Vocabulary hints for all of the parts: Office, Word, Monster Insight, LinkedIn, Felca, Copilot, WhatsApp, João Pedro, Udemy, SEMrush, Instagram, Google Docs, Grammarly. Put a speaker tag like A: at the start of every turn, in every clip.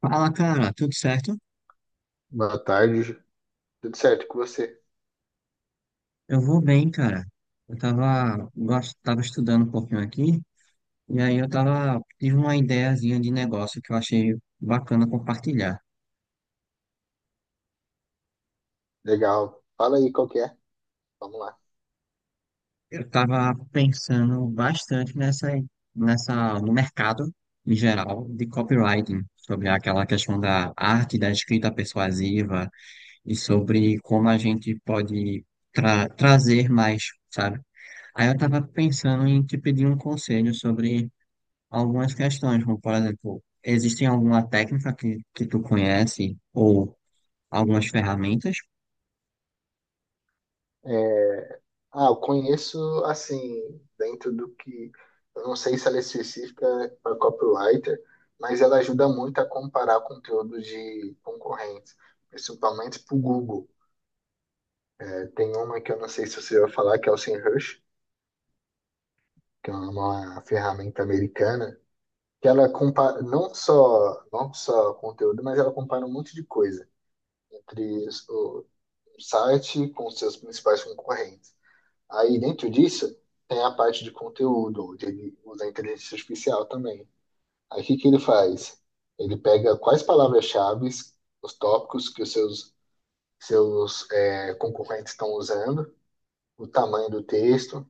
A: Fala, cara, tudo certo?
B: Boa tarde. Tudo certo com você?
A: Eu vou bem, cara. Eu tava, tava estudando um pouquinho aqui, e aí eu tava, tive uma ideiazinha de negócio que eu achei bacana compartilhar.
B: Legal. Fala aí qual que é. Vamos lá.
A: Eu tava pensando bastante no mercado em geral de copywriting, sobre aquela questão da arte da escrita persuasiva e sobre como a gente pode trazer mais, sabe? Aí eu tava pensando em te pedir um conselho sobre algumas questões, como por exemplo, existem alguma técnica que tu conhece ou algumas ferramentas?
B: É, eu conheço, assim, dentro do que. Eu não sei se ela é específica para copywriter, mas ela ajuda muito a comparar conteúdo de concorrentes, principalmente para o Google. É, tem uma que eu não sei se você vai falar, que é o SEMrush, que é uma ferramenta americana, que ela compara não só conteúdo, mas ela compara um monte de coisa entre o site com seus principais concorrentes. Aí, dentro disso, tem a parte de conteúdo, onde ele usa a inteligência artificial também. Aí, o que que ele faz? Ele pega quais palavras-chave, os tópicos que os seus concorrentes estão usando, o tamanho do texto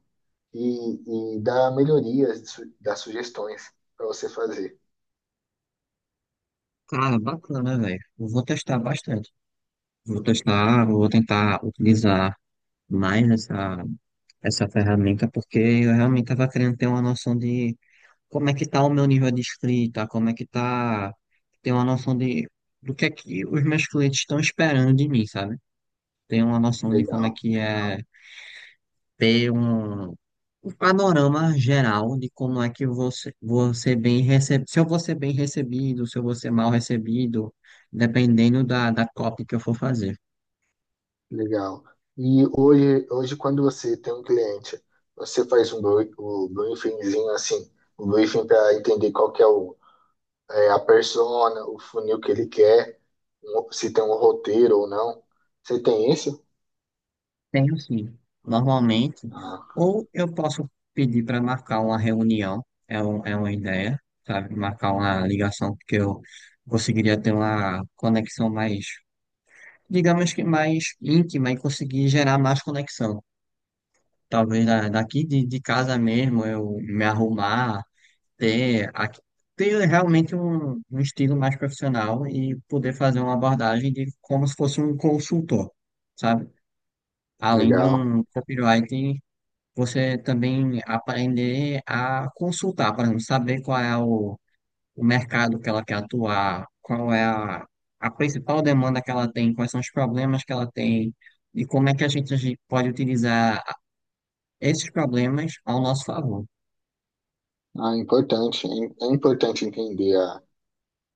B: e dá melhorias, dá sugestões para você fazer.
A: Cara, bacana, velho. Eu vou testar bastante. Vou testar, vou tentar utilizar mais essa ferramenta, porque eu realmente estava querendo ter uma noção de como é que tá o meu nível de escrita, como é que tá, ter uma noção de do que é que os meus clientes estão esperando de mim, sabe? Ter uma noção de como é
B: Legal.
A: que é ter um o panorama geral de como é que você bem recebe, se eu vou ser bem recebido, se eu vou ser mal recebido, dependendo da copy que eu for fazer.
B: Legal. E hoje quando você tem um cliente, você faz um o briefingzinho assim, um briefing para entender qual que é, o, é a persona, o funil que ele quer, se tem um roteiro ou não. Você tem isso?
A: Tenho sim, normalmente.
B: Ah,
A: Ou eu posso pedir para marcar uma reunião, é, um, é uma ideia, sabe? Marcar uma ligação, porque eu conseguiria ter uma conexão mais, digamos que mais íntima e conseguir gerar mais conexão. Talvez daqui de casa mesmo eu me arrumar ter, ter realmente um, um estilo mais profissional e poder fazer uma abordagem de como se fosse um consultor, sabe? Além de
B: legal.
A: um copywriting, você também aprender a consultar, por exemplo, saber qual é o mercado que ela quer atuar, qual é a principal demanda que ela tem, quais são os problemas que ela tem e como é que a gente pode utilizar esses problemas ao nosso favor.
B: Ah, importante. É importante entender a,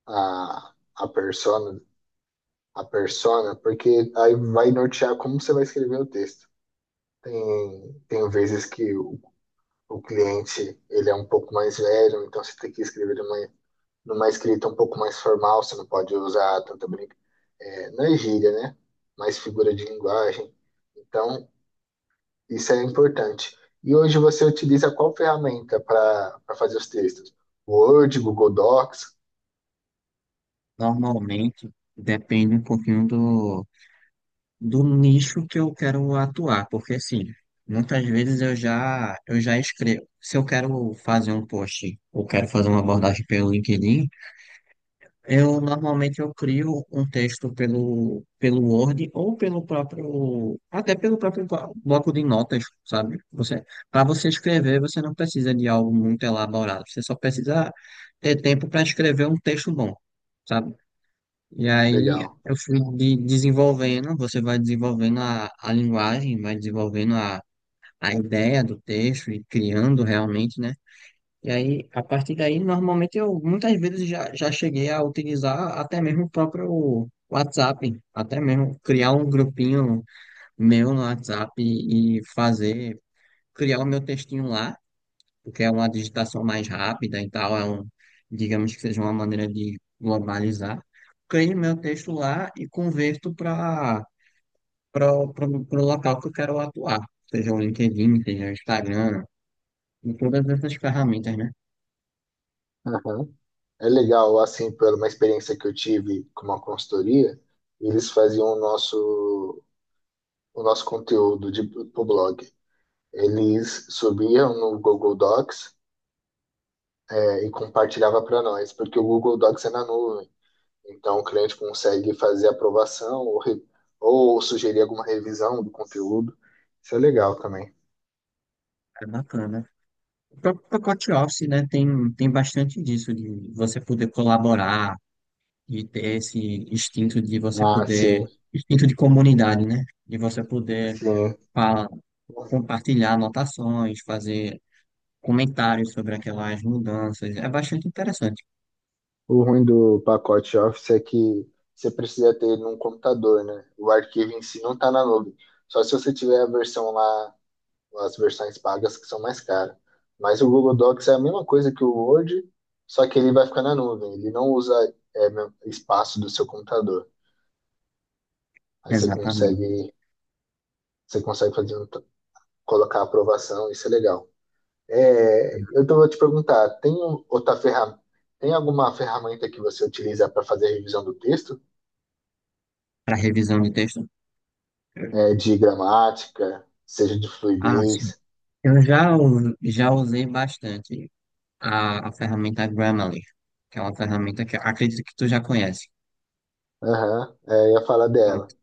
B: a, a persona, a persona, porque aí vai nortear como você vai escrever o texto. Tem vezes que o cliente ele é um pouco mais velho, então você tem que escrever numa, numa escrita um pouco mais formal, você não pode usar tanta brinca, é, não é gíria, né? Mais figura de linguagem. Então, isso é importante. E hoje você utiliza qual ferramenta para para fazer os textos? Word, Google Docs?
A: Normalmente, depende um pouquinho do do nicho que eu quero atuar, porque assim, muitas vezes eu já escrevo. Se eu quero fazer um post ou quero fazer uma abordagem pelo LinkedIn, eu normalmente eu crio um texto pelo Word ou pelo próprio até pelo próprio bloco de notas, sabe? Você Para você escrever, você não precisa de algo muito elaborado, você só precisa ter tempo para escrever um texto bom, sabe? E aí
B: Legal.
A: eu fui desenvolvendo, você vai desenvolvendo a linguagem, vai desenvolvendo a ideia do texto e criando realmente, né? E aí, a partir daí, normalmente eu muitas vezes já cheguei a utilizar até mesmo o próprio WhatsApp, até mesmo criar um grupinho meu no WhatsApp e fazer, criar o meu textinho lá porque é uma digitação mais rápida e tal, é um, digamos que seja uma maneira de globalizar. Crio meu texto lá e converto para para o local que eu quero atuar, seja o LinkedIn, seja o Instagram, e todas essas ferramentas, né?
B: Aham. É legal, assim, por uma experiência que eu tive com uma consultoria, eles faziam o nosso conteúdo de, pro blog. Eles subiam no Google Docs, é, e compartilhava para nós, porque o Google Docs é na nuvem. Então, o cliente consegue fazer aprovação ou, ou sugerir alguma revisão do conteúdo. Isso é legal também.
A: É bacana. O próprio pacote Office, né, tem, tem bastante disso, de você poder colaborar e ter esse instinto de você
B: Ah,
A: poder,
B: sim,
A: instinto de comunidade, né? De você poder
B: sim.
A: falar, compartilhar anotações, fazer comentários sobre aquelas mudanças. É bastante interessante.
B: O ruim do pacote Office é que você precisa ter ele num computador, né? O arquivo em si não está na nuvem. Só se você tiver a versão lá, as versões pagas que são mais caras. Mas o Google Docs é a mesma coisa que o Word, só que ele vai ficar na nuvem. Ele não usa, é, espaço do seu computador. Aí
A: Exatamente.
B: você consegue fazer um, colocar a aprovação, isso é legal. É, vou te perguntar, outra ferramenta, tem alguma ferramenta que você utiliza para fazer a revisão do texto?
A: Para revisão de texto.
B: É, de gramática, seja de
A: Ah, sim.
B: fluidez?
A: Eu já, já usei bastante a ferramenta Grammarly, que é uma ferramenta que eu acredito que tu já conhece.
B: Aham, é, eu ia falar dela.
A: Pronto.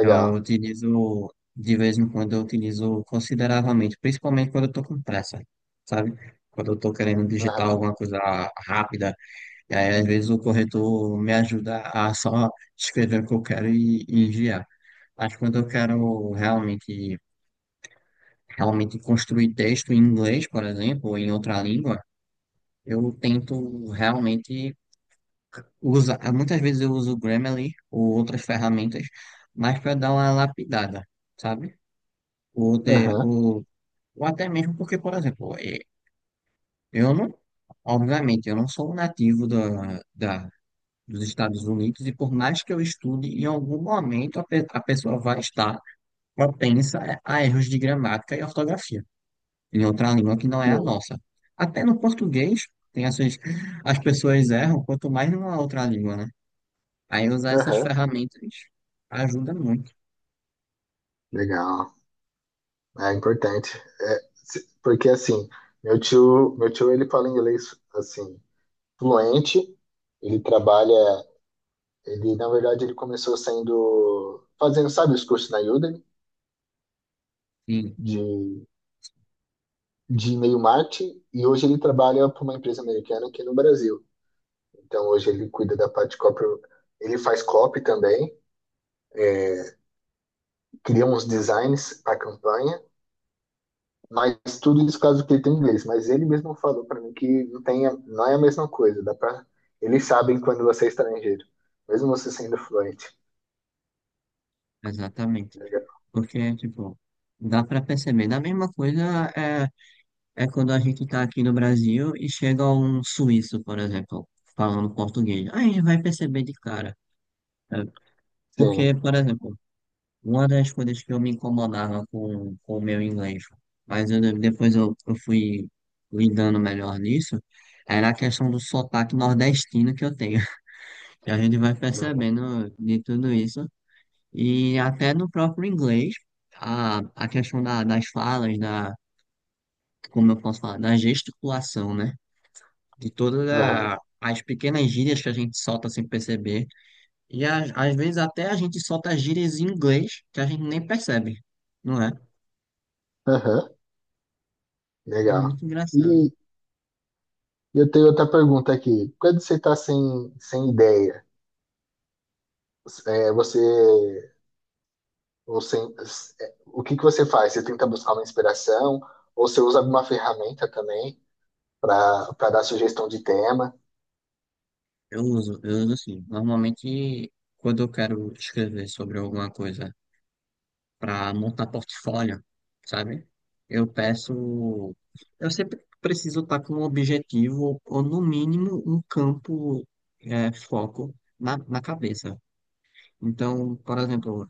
A: Eu utilizo, de vez em quando, eu utilizo consideravelmente, principalmente quando eu estou com pressa, sabe? Quando eu estou querendo digitar
B: Aham,
A: alguma coisa rápida, e aí às vezes o corretor me ajuda a só escrever o que eu quero e enviar. Mas quando eu quero realmente, realmente construir texto em inglês, por exemplo, ou em outra língua, eu tento realmente usar. Muitas vezes eu uso o Grammarly ou outras ferramentas, mas para dar uma lapidada, sabe? Ou, de,
B: aham,
A: ou, ou até mesmo porque, por exemplo, eu não, obviamente, eu não sou um nativo dos Estados Unidos e por mais que eu estude, em algum momento a, a pessoa vai estar propensa a erros de gramática e ortografia em outra língua que não é a
B: sim.
A: nossa. Até no português, tem essas, as pessoas erram, quanto mais numa outra língua, né? Aí usar essas
B: Aham,
A: ferramentas ajuda muito.
B: legal. É importante. Porque assim, meu tio ele fala inglês assim, fluente, ele trabalha, ele na verdade ele começou sendo fazendo, sabe, os cursos na Udemy
A: Sim,
B: de de e-mail marketing e hoje ele trabalha para uma empresa americana aqui no Brasil. Então hoje ele cuida da parte de copy, ele faz copy também, cria uns designs para campanha. Mas tudo isso caso que ele tem inglês. Mas ele mesmo falou para mim que não tem, não é a mesma coisa. Dá pra, eles sabem quando você é estrangeiro, mesmo você sendo fluente.
A: exatamente.
B: Legal.
A: Porque, tipo, dá pra perceber. Da mesma coisa é, é quando a gente tá aqui no Brasil e chega um suíço, por exemplo, falando português. Aí a gente vai perceber de cara. É,
B: Sim.
A: porque, por exemplo, uma das coisas que eu me incomodava com o meu inglês, mas depois eu fui lidando melhor nisso, era a questão do sotaque nordestino que eu tenho. E a gente vai
B: Aham.
A: percebendo de tudo isso, e até no próprio inglês, a questão das falas, da, como eu posso falar, da gesticulação, né? De todas
B: Aham.
A: as pequenas gírias que a gente solta sem perceber, e às vezes até a gente solta gírias em inglês que a gente nem percebe, não é?
B: Aham.
A: É
B: Legal.
A: muito engraçado.
B: E eu tenho outra pergunta aqui. Quando você está sem ideia, é, você, ou sem, é, o que que você faz? Você tenta buscar uma inspiração? Ou você usa alguma ferramenta também para para dar sugestão de tema?
A: Eu uso assim. Normalmente, quando eu quero escrever sobre alguma coisa para montar portfólio, sabe? Eu peço. Eu sempre preciso estar com um objetivo, ou no mínimo um campo é, foco na cabeça. Então, por exemplo,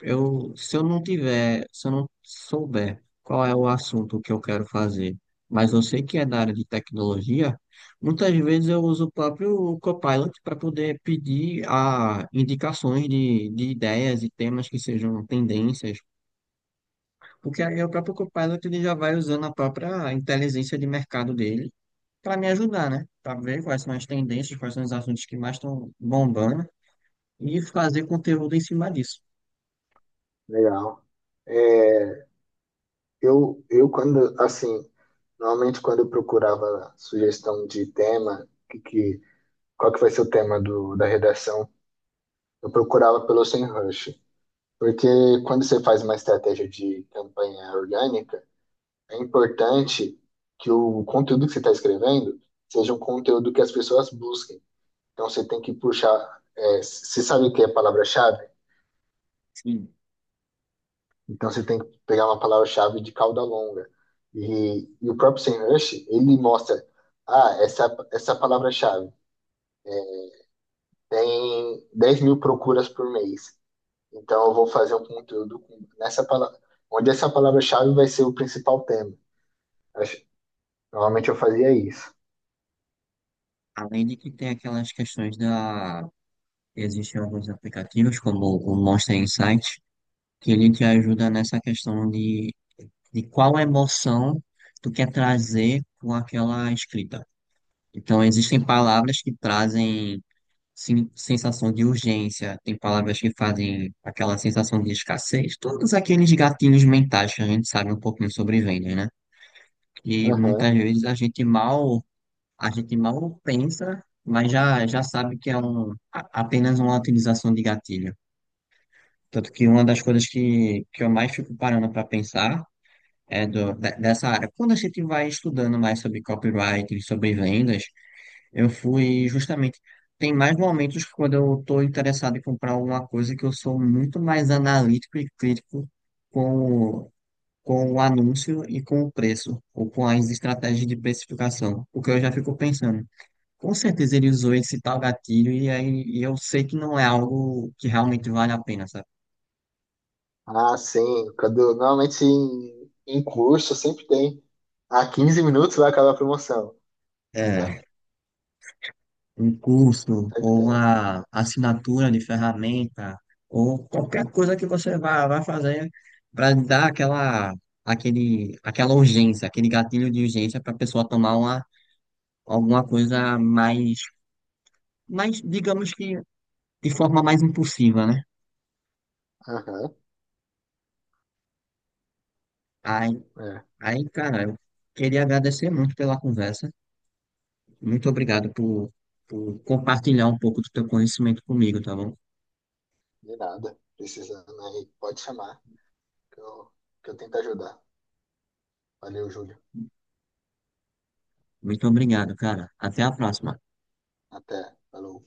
A: eu, se eu não tiver, se eu não souber qual é o assunto que eu quero fazer, mas eu sei que é da área de tecnologia, muitas vezes eu uso o próprio Copilot para poder pedir a indicações de ideias e temas que sejam tendências, porque aí o próprio Copilot ele já vai usando a própria inteligência de mercado dele para me ajudar, né? Para ver quais são as tendências, quais são os assuntos que mais estão bombando e fazer conteúdo em cima disso.
B: Legal. É, eu quando, assim, normalmente quando eu procurava sugestão de tema, qual que vai ser o tema do, da redação, eu procurava pelo semrush. Porque quando você faz uma estratégia de campanha orgânica, é importante que o conteúdo que você está escrevendo seja um conteúdo que as pessoas busquem. Então você tem que puxar, é, você sabe o que é palavra-chave? Então você tem que pegar uma palavra-chave de cauda longa. E o próprio Sam Rush, ele mostra, ah, essa palavra-chave tem 10 mil procuras por mês. Então eu vou fazer um conteúdo nessa palavra, onde essa palavra-chave vai ser o principal tema. Acho- Normalmente eu fazia isso.
A: Além de que tem aquelas questões da. Existem alguns aplicativos, como o Monster Insight, que ele te ajuda nessa questão de qual emoção tu quer trazer com aquela escrita. Então, existem palavras que trazem sim, sensação de urgência, tem palavras que fazem aquela sensação de escassez, todos aqueles gatilhos mentais que a gente sabe um pouquinho sobre vendas, né? E muitas
B: Aham.
A: vezes a gente mal a gente mal pensa, mas já sabe que é um, apenas uma utilização de gatilho. Tanto que uma das coisas que eu mais fico parando para pensar é do, dessa área. Quando a gente vai estudando mais sobre copyright, sobre vendas, eu fui justamente. Tem mais momentos que quando eu estou interessado em comprar alguma coisa que eu sou muito mais analítico e crítico com, o- com o anúncio e com o preço, ou com as estratégias de precificação. Porque eu já fico pensando. Com certeza ele usou esse tal gatilho e aí e eu sei que não é algo que realmente vale a pena, sabe?
B: Ah, sim. Quando, normalmente em, em curso sempre tem. Ah, 15 minutos vai acabar a promoção.
A: É, um curso
B: Sempre
A: ou
B: tem.
A: uma assinatura de ferramenta ou qualquer coisa que você vá fazer para dar aquela, aquele, aquela urgência, aquele gatilho de urgência para a pessoa tomar uma, alguma coisa mais, mais, digamos que de forma mais impulsiva, né?
B: Aham.
A: Aí,
B: É.
A: aí, cara, eu queria agradecer muito pela conversa. Muito obrigado por compartilhar um pouco do teu conhecimento comigo, tá bom?
B: De nada. Precisando aí, pode chamar. que eu, que eu tento ajudar. Valeu, Júlio.
A: Muito obrigado, cara. Até a próxima.
B: Até. Falou.